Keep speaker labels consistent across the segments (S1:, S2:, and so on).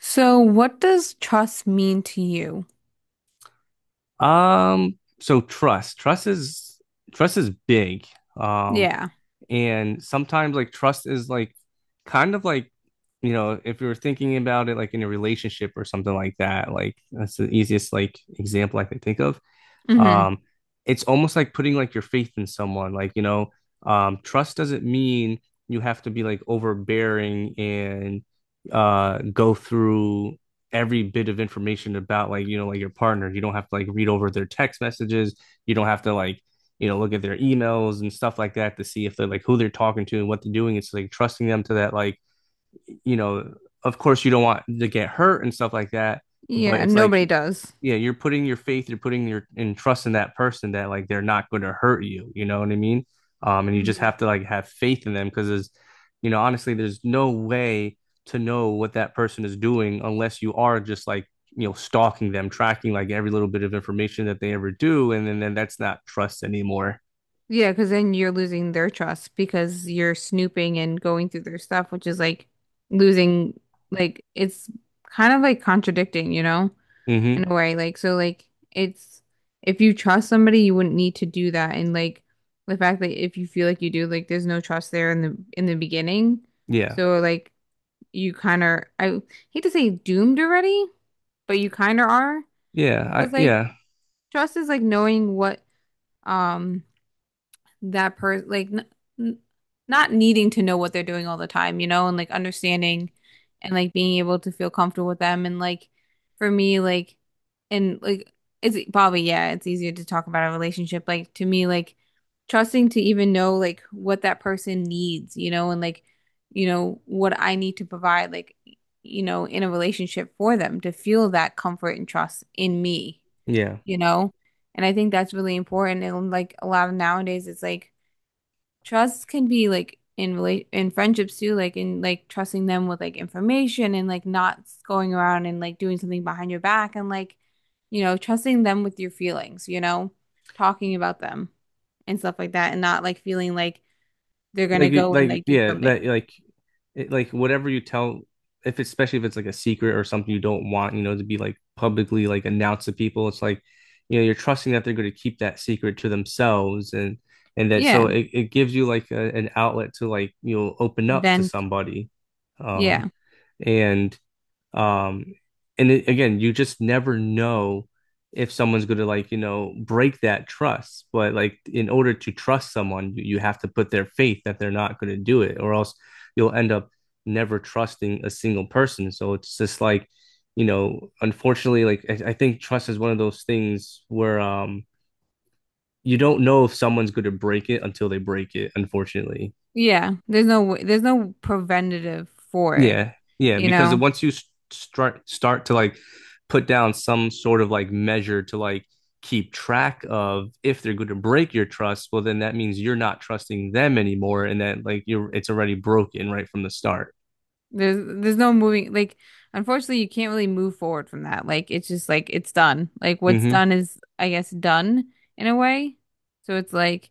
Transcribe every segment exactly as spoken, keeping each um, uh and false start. S1: So, what does trust mean to you?
S2: Um, so trust. Trust is trust is big. Um,
S1: Yeah.
S2: and sometimes like trust is like kind of like, you know, if you were thinking about it like in a relationship or something like that, like that's the easiest like example I can think of.
S1: hmm
S2: Um, it's almost like putting like your faith in someone. Like, you know, um, trust doesn't mean you have to be like overbearing and uh go through every bit of information about like, you know, like your partner. You don't have to like read over their text messages. You don't have to like, you know, look at their emails and stuff like that to see if they're like who they're talking to and what they're doing. It's like trusting them to that like you know, of course you don't want to get hurt and stuff like that, but
S1: Yeah,
S2: it's like,
S1: nobody does.
S2: yeah, you're putting your faith, you're putting your and trust in that person that like they're not going to hurt you. You know what I mean? Um, and you just
S1: hmm
S2: have to like have faith in them because there's, you know, honestly, there's no way to know what that person is doing unless you are just like you know stalking them tracking like every little bit of information that they ever do and then, then that's not trust anymore.
S1: Yeah, because then you're losing their trust because you're snooping and going through their stuff, which is like losing, like, it's kind of like contradicting, you know,
S2: Mm hmm.
S1: in a way. Like, so, like, it's if you trust somebody, you wouldn't need to do that. And, like, the fact that if you feel like you do, like, there's no trust there in the in the beginning.
S2: Yeah.
S1: So, like, you kind of, I hate to say doomed already but you kind of are.
S2: yeah
S1: Because
S2: I,
S1: like
S2: yeah
S1: trust is like knowing what um that person like n n not needing to know what they're doing all the time, you know, and like understanding and like being able to feel comfortable with them and like for me like and like it's probably yeah, it's easier to talk about a relationship like to me like trusting to even know like what that person needs, you know, and like you know what I need to provide like you know in a relationship for them to feel that comfort and trust in me,
S2: yeah
S1: you know. And I think that's really important. And like a lot of nowadays, it's like trust can be like in relate in friendships too, like in like trusting them with like information and like not going around and like doing something behind your back and like, you know, trusting them with your feelings, you know, talking about them and stuff like that and not like feeling like they're gonna
S2: like
S1: go and
S2: like
S1: like do
S2: yeah That.
S1: something.
S2: like it, like whatever you tell if it's, especially if it's like a secret or something you don't want you know to be like publicly like announced to people it's like you know you're trusting that they're going to keep that secret to themselves and and that so
S1: Yeah.
S2: it, it gives you like a, an outlet to like you know open up to
S1: Vent.
S2: somebody. um
S1: Yeah.
S2: and um, and it, again, you just never know if someone's going to like, you know, break that trust. But like, in order to trust someone, you, you have to put their faith that they're not going to do it, or else you'll end up never trusting a single person. So it's just like, you know, unfortunately, like I, I think trust is one of those things where um you don't know if someone's going to break it until they break it, unfortunately.
S1: Yeah. There's no w- there's no preventative for it,
S2: Yeah, yeah,
S1: you
S2: because
S1: know.
S2: once you s- start start to like put down some sort of like measure to like keep track of if they're going to break your trust, well then that means you're not trusting them anymore and that like you're it's already broken right from the start.
S1: There's there's no moving like unfortunately you can't really move forward from that. Like it's just like it's done. Like what's
S2: Hmm.
S1: done is I guess done in a way. So it's like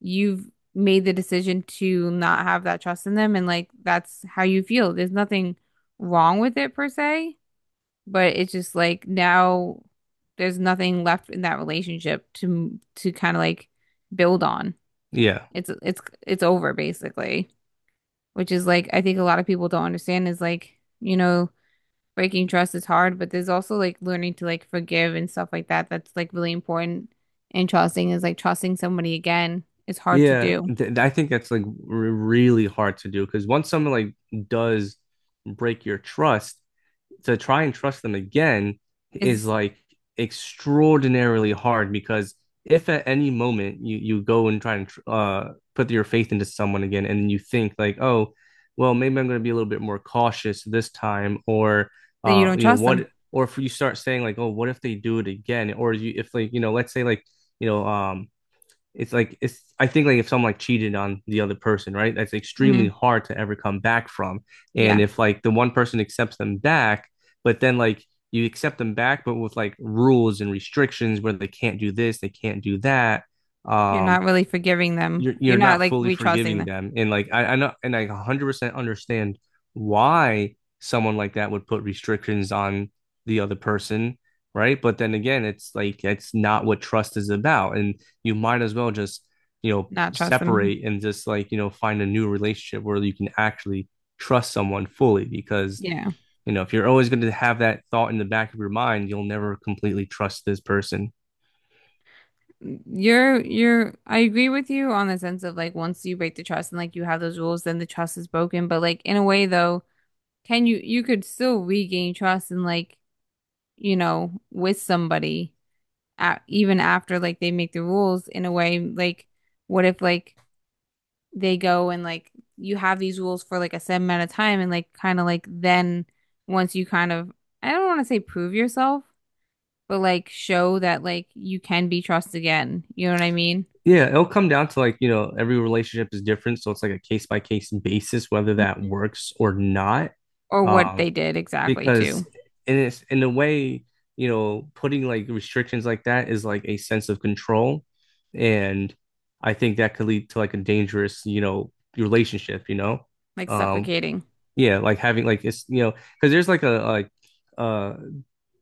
S1: you've made the decision to not have that trust in them and like that's how you feel. There's nothing wrong with it per se, but it's just like now there's nothing left in that relationship to to kind of like build on.
S2: Yeah.
S1: It's it's it's over basically, which is like I think a lot of people don't understand is like, you know, breaking trust is hard, but there's also like learning to like forgive and stuff like that. That's like really important. And trusting is like trusting somebody again is hard to
S2: Yeah,
S1: do.
S2: th I think that's like r really hard to do because once someone like does break your trust, to try and trust them again is
S1: Is
S2: like extraordinarily hard because if at any moment you you go and try and uh put your faith into someone again and you think like oh well maybe I'm going to be a little bit more cautious this time or
S1: then you
S2: uh
S1: don't
S2: you know
S1: trust them.
S2: what or if you start saying like oh what if they do it again or you if like you know let's say like you know um it's like it's I think like if someone like cheated on the other person, right? That's extremely
S1: hmm
S2: hard to ever come back from. And
S1: Yeah.
S2: if like the one person accepts them back, but then like you accept them back, but with like rules and restrictions where they can't do this, they can't do that.
S1: You're
S2: Um,
S1: not really forgiving them.
S2: you're
S1: You're
S2: you're
S1: not
S2: not
S1: like
S2: fully
S1: re trusting
S2: forgiving
S1: them.
S2: them. And like I, I know and I one hundred percent understand why someone like that would put restrictions on the other person, right? But then again, it's like it's not what trust is about. And you might as well just, you know,
S1: Not trust them.
S2: separate and just like, you know, find a new relationship where you can actually trust someone fully because
S1: Yeah.
S2: you know, if you're always going to have that thought in the back of your mind, you'll never completely trust this person.
S1: You're you're I agree with you on the sense of like once you break the trust and like you have those rules, then the trust is broken. But like in a way though, can you you could still regain trust and like, you know, with somebody a even after like they make the rules in a way like what if like they go and like you have these rules for like a set amount of time and like kind of like then once you kind of I don't want to say prove yourself but like show that like you can be trusted again you know what I mean.
S2: Yeah, it'll come down to like, you know, every relationship is different, so it's like a case by case basis whether that
S1: Mhm.
S2: works or not.
S1: Or what
S2: Um,
S1: they did exactly
S2: because
S1: too.
S2: in it's in a way, you know, putting like restrictions like that is like a sense of control, and I think that could lead to like a dangerous, you know, relationship, you know.
S1: Like
S2: Um,
S1: suffocating.
S2: yeah, like having like it's, you know, because there's like a like uh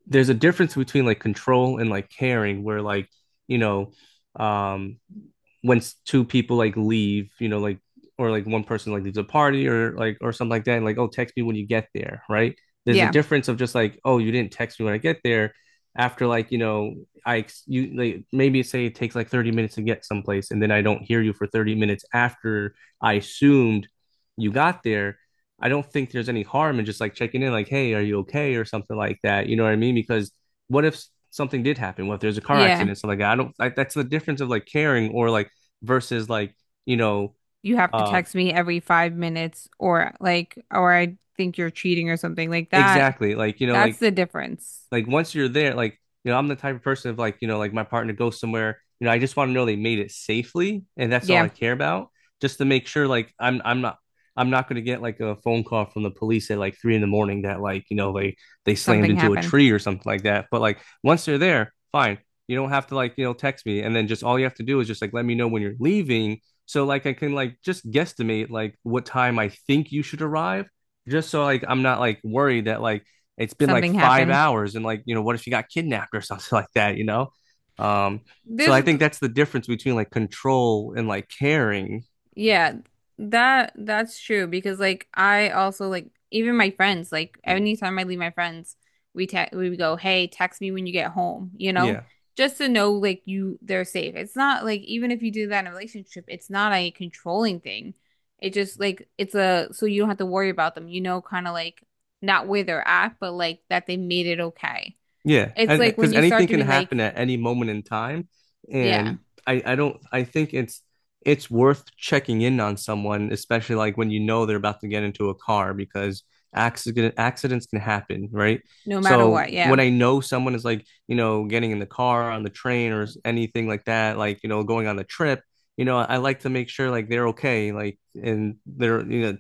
S2: there's a difference between like control and like caring where like, you know, um when two people like leave, you know, like or like one person like leaves a party or like or something like that, and like, oh, text me when you get there, right? There's a
S1: Yeah.
S2: difference of just like, oh, you didn't text me when I get there. After like, you know, I you like maybe say it takes like thirty minutes to get someplace, and then I don't hear you for thirty minutes after I assumed you got there. I don't think there's any harm in just like checking in, like, hey, are you okay? Or something like that. You know what I mean? Because what if something did happen? What if there's a car
S1: Yeah,
S2: accident? Something like that? I don't, like, that's the difference of like caring or like versus like you know
S1: you have to
S2: um
S1: text me every five minutes or like or I think you're cheating or something like that.
S2: exactly like you know
S1: That's
S2: like
S1: the difference.
S2: like once you're there, like you know, I'm the type of person of like you know, like my partner goes somewhere, you know, I just want to know they made it safely, and that's all
S1: Yeah.
S2: I care about, just to make sure like I'm I'm not. I'm not going to get like a phone call from the police at like three in the morning that like you know they they slammed
S1: Something
S2: into a
S1: happened.
S2: tree or something like that. But like once they're there, fine. You don't have to like you know text me, and then just all you have to do is just like let me know when you're leaving, so like I can like just guesstimate like what time I think you should arrive, just so like I'm not like worried that like it's been like
S1: Something
S2: five
S1: happened.
S2: hours and like you know what if she got kidnapped or something like that you know. um so I
S1: This,
S2: think that's the difference between like control and like caring.
S1: yeah, that that's true because like I also like even my friends like anytime I leave my friends we te we would go hey text me when you get home you know
S2: Yeah,
S1: just to know like you they're safe. It's not like even if you do that in a relationship it's not a controlling thing. It just like it's a so you don't have to worry about them. You know, kind of like not where they're at, but like that they made it okay.
S2: yeah,
S1: It's
S2: and
S1: like when
S2: because
S1: you start
S2: anything
S1: to
S2: can
S1: be like
S2: happen at any moment in time,
S1: yeah,
S2: and I I don't I think it's it's worth checking in on someone, especially like when you know they're about to get into a car because accident accidents can happen, right?
S1: no matter
S2: So
S1: what, yeah.
S2: when I know someone is like, you know, getting in the car, on the train, or s- anything like that, like, you know, going on a trip, you know, I like to make sure like they're okay, like, and they're, you know,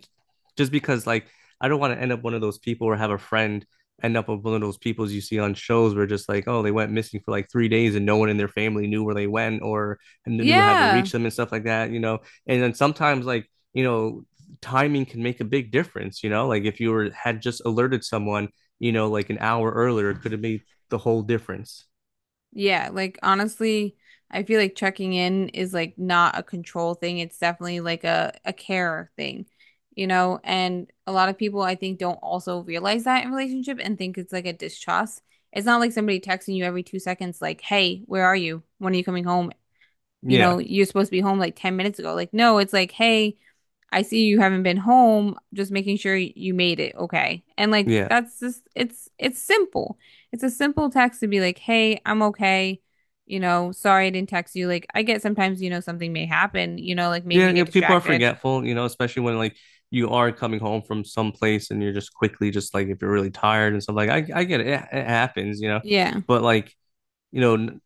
S2: just because like I don't want to end up one of those people or have a friend end up with one of those peoples you see on shows where just like, oh, they went missing for like three days and no one in their family knew where they went or knew how to
S1: Yeah.
S2: reach them and stuff like that, you know. And then sometimes like, you know, timing can make a big difference, you know, like if you were had just alerted someone, you know, like an hour earlier, it could have made the whole difference.
S1: Yeah. Like honestly, I feel like checking in is like not a control thing. It's definitely like a, a care thing, you know? And a lot of people I think don't also realize that in relationship and think it's like a distrust. It's not like somebody texting you every two seconds like, "Hey, where are you? When are you coming home?" You know,
S2: Yeah.
S1: you're supposed to be home like ten minutes ago. Like, no, it's like, "Hey, I see you haven't been home, just making sure you made it, okay? And like
S2: Yeah.
S1: that's just it's it's simple. It's a simple text to be like, "Hey, I'm okay." You know, sorry I didn't text you. Like I get sometimes, you know, something may happen, you know, like maybe
S2: Yeah,
S1: you
S2: yeah,
S1: get
S2: people are
S1: distracted.
S2: forgetful, you know, especially when like you are coming home from some place and you're just quickly just like if you're really tired and stuff like I I get it, it, it happens, you know,
S1: Yeah.
S2: but like you know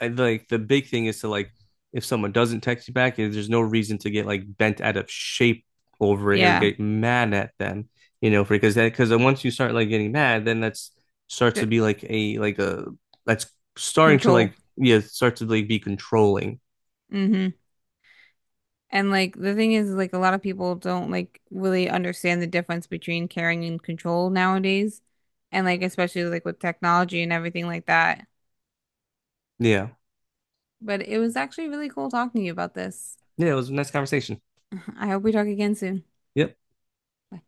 S2: I, like the big thing is to like if someone doesn't text you back, there's no reason to get like bent out of shape over it or
S1: Yeah.
S2: get mad at them, you know, because that because once you start like getting mad, then that's starts
S1: The
S2: to be like a like a that's starting to
S1: control.
S2: like yeah start to like be controlling.
S1: hmm And like the thing is, like a lot of people don't like really understand the difference between caring and control nowadays. And like especially like with technology and everything like that.
S2: Yeah,
S1: But it was actually really cool talking to you about this.
S2: yeah, it was a nice conversation.
S1: I hope we talk again soon.
S2: Yep,
S1: Bye.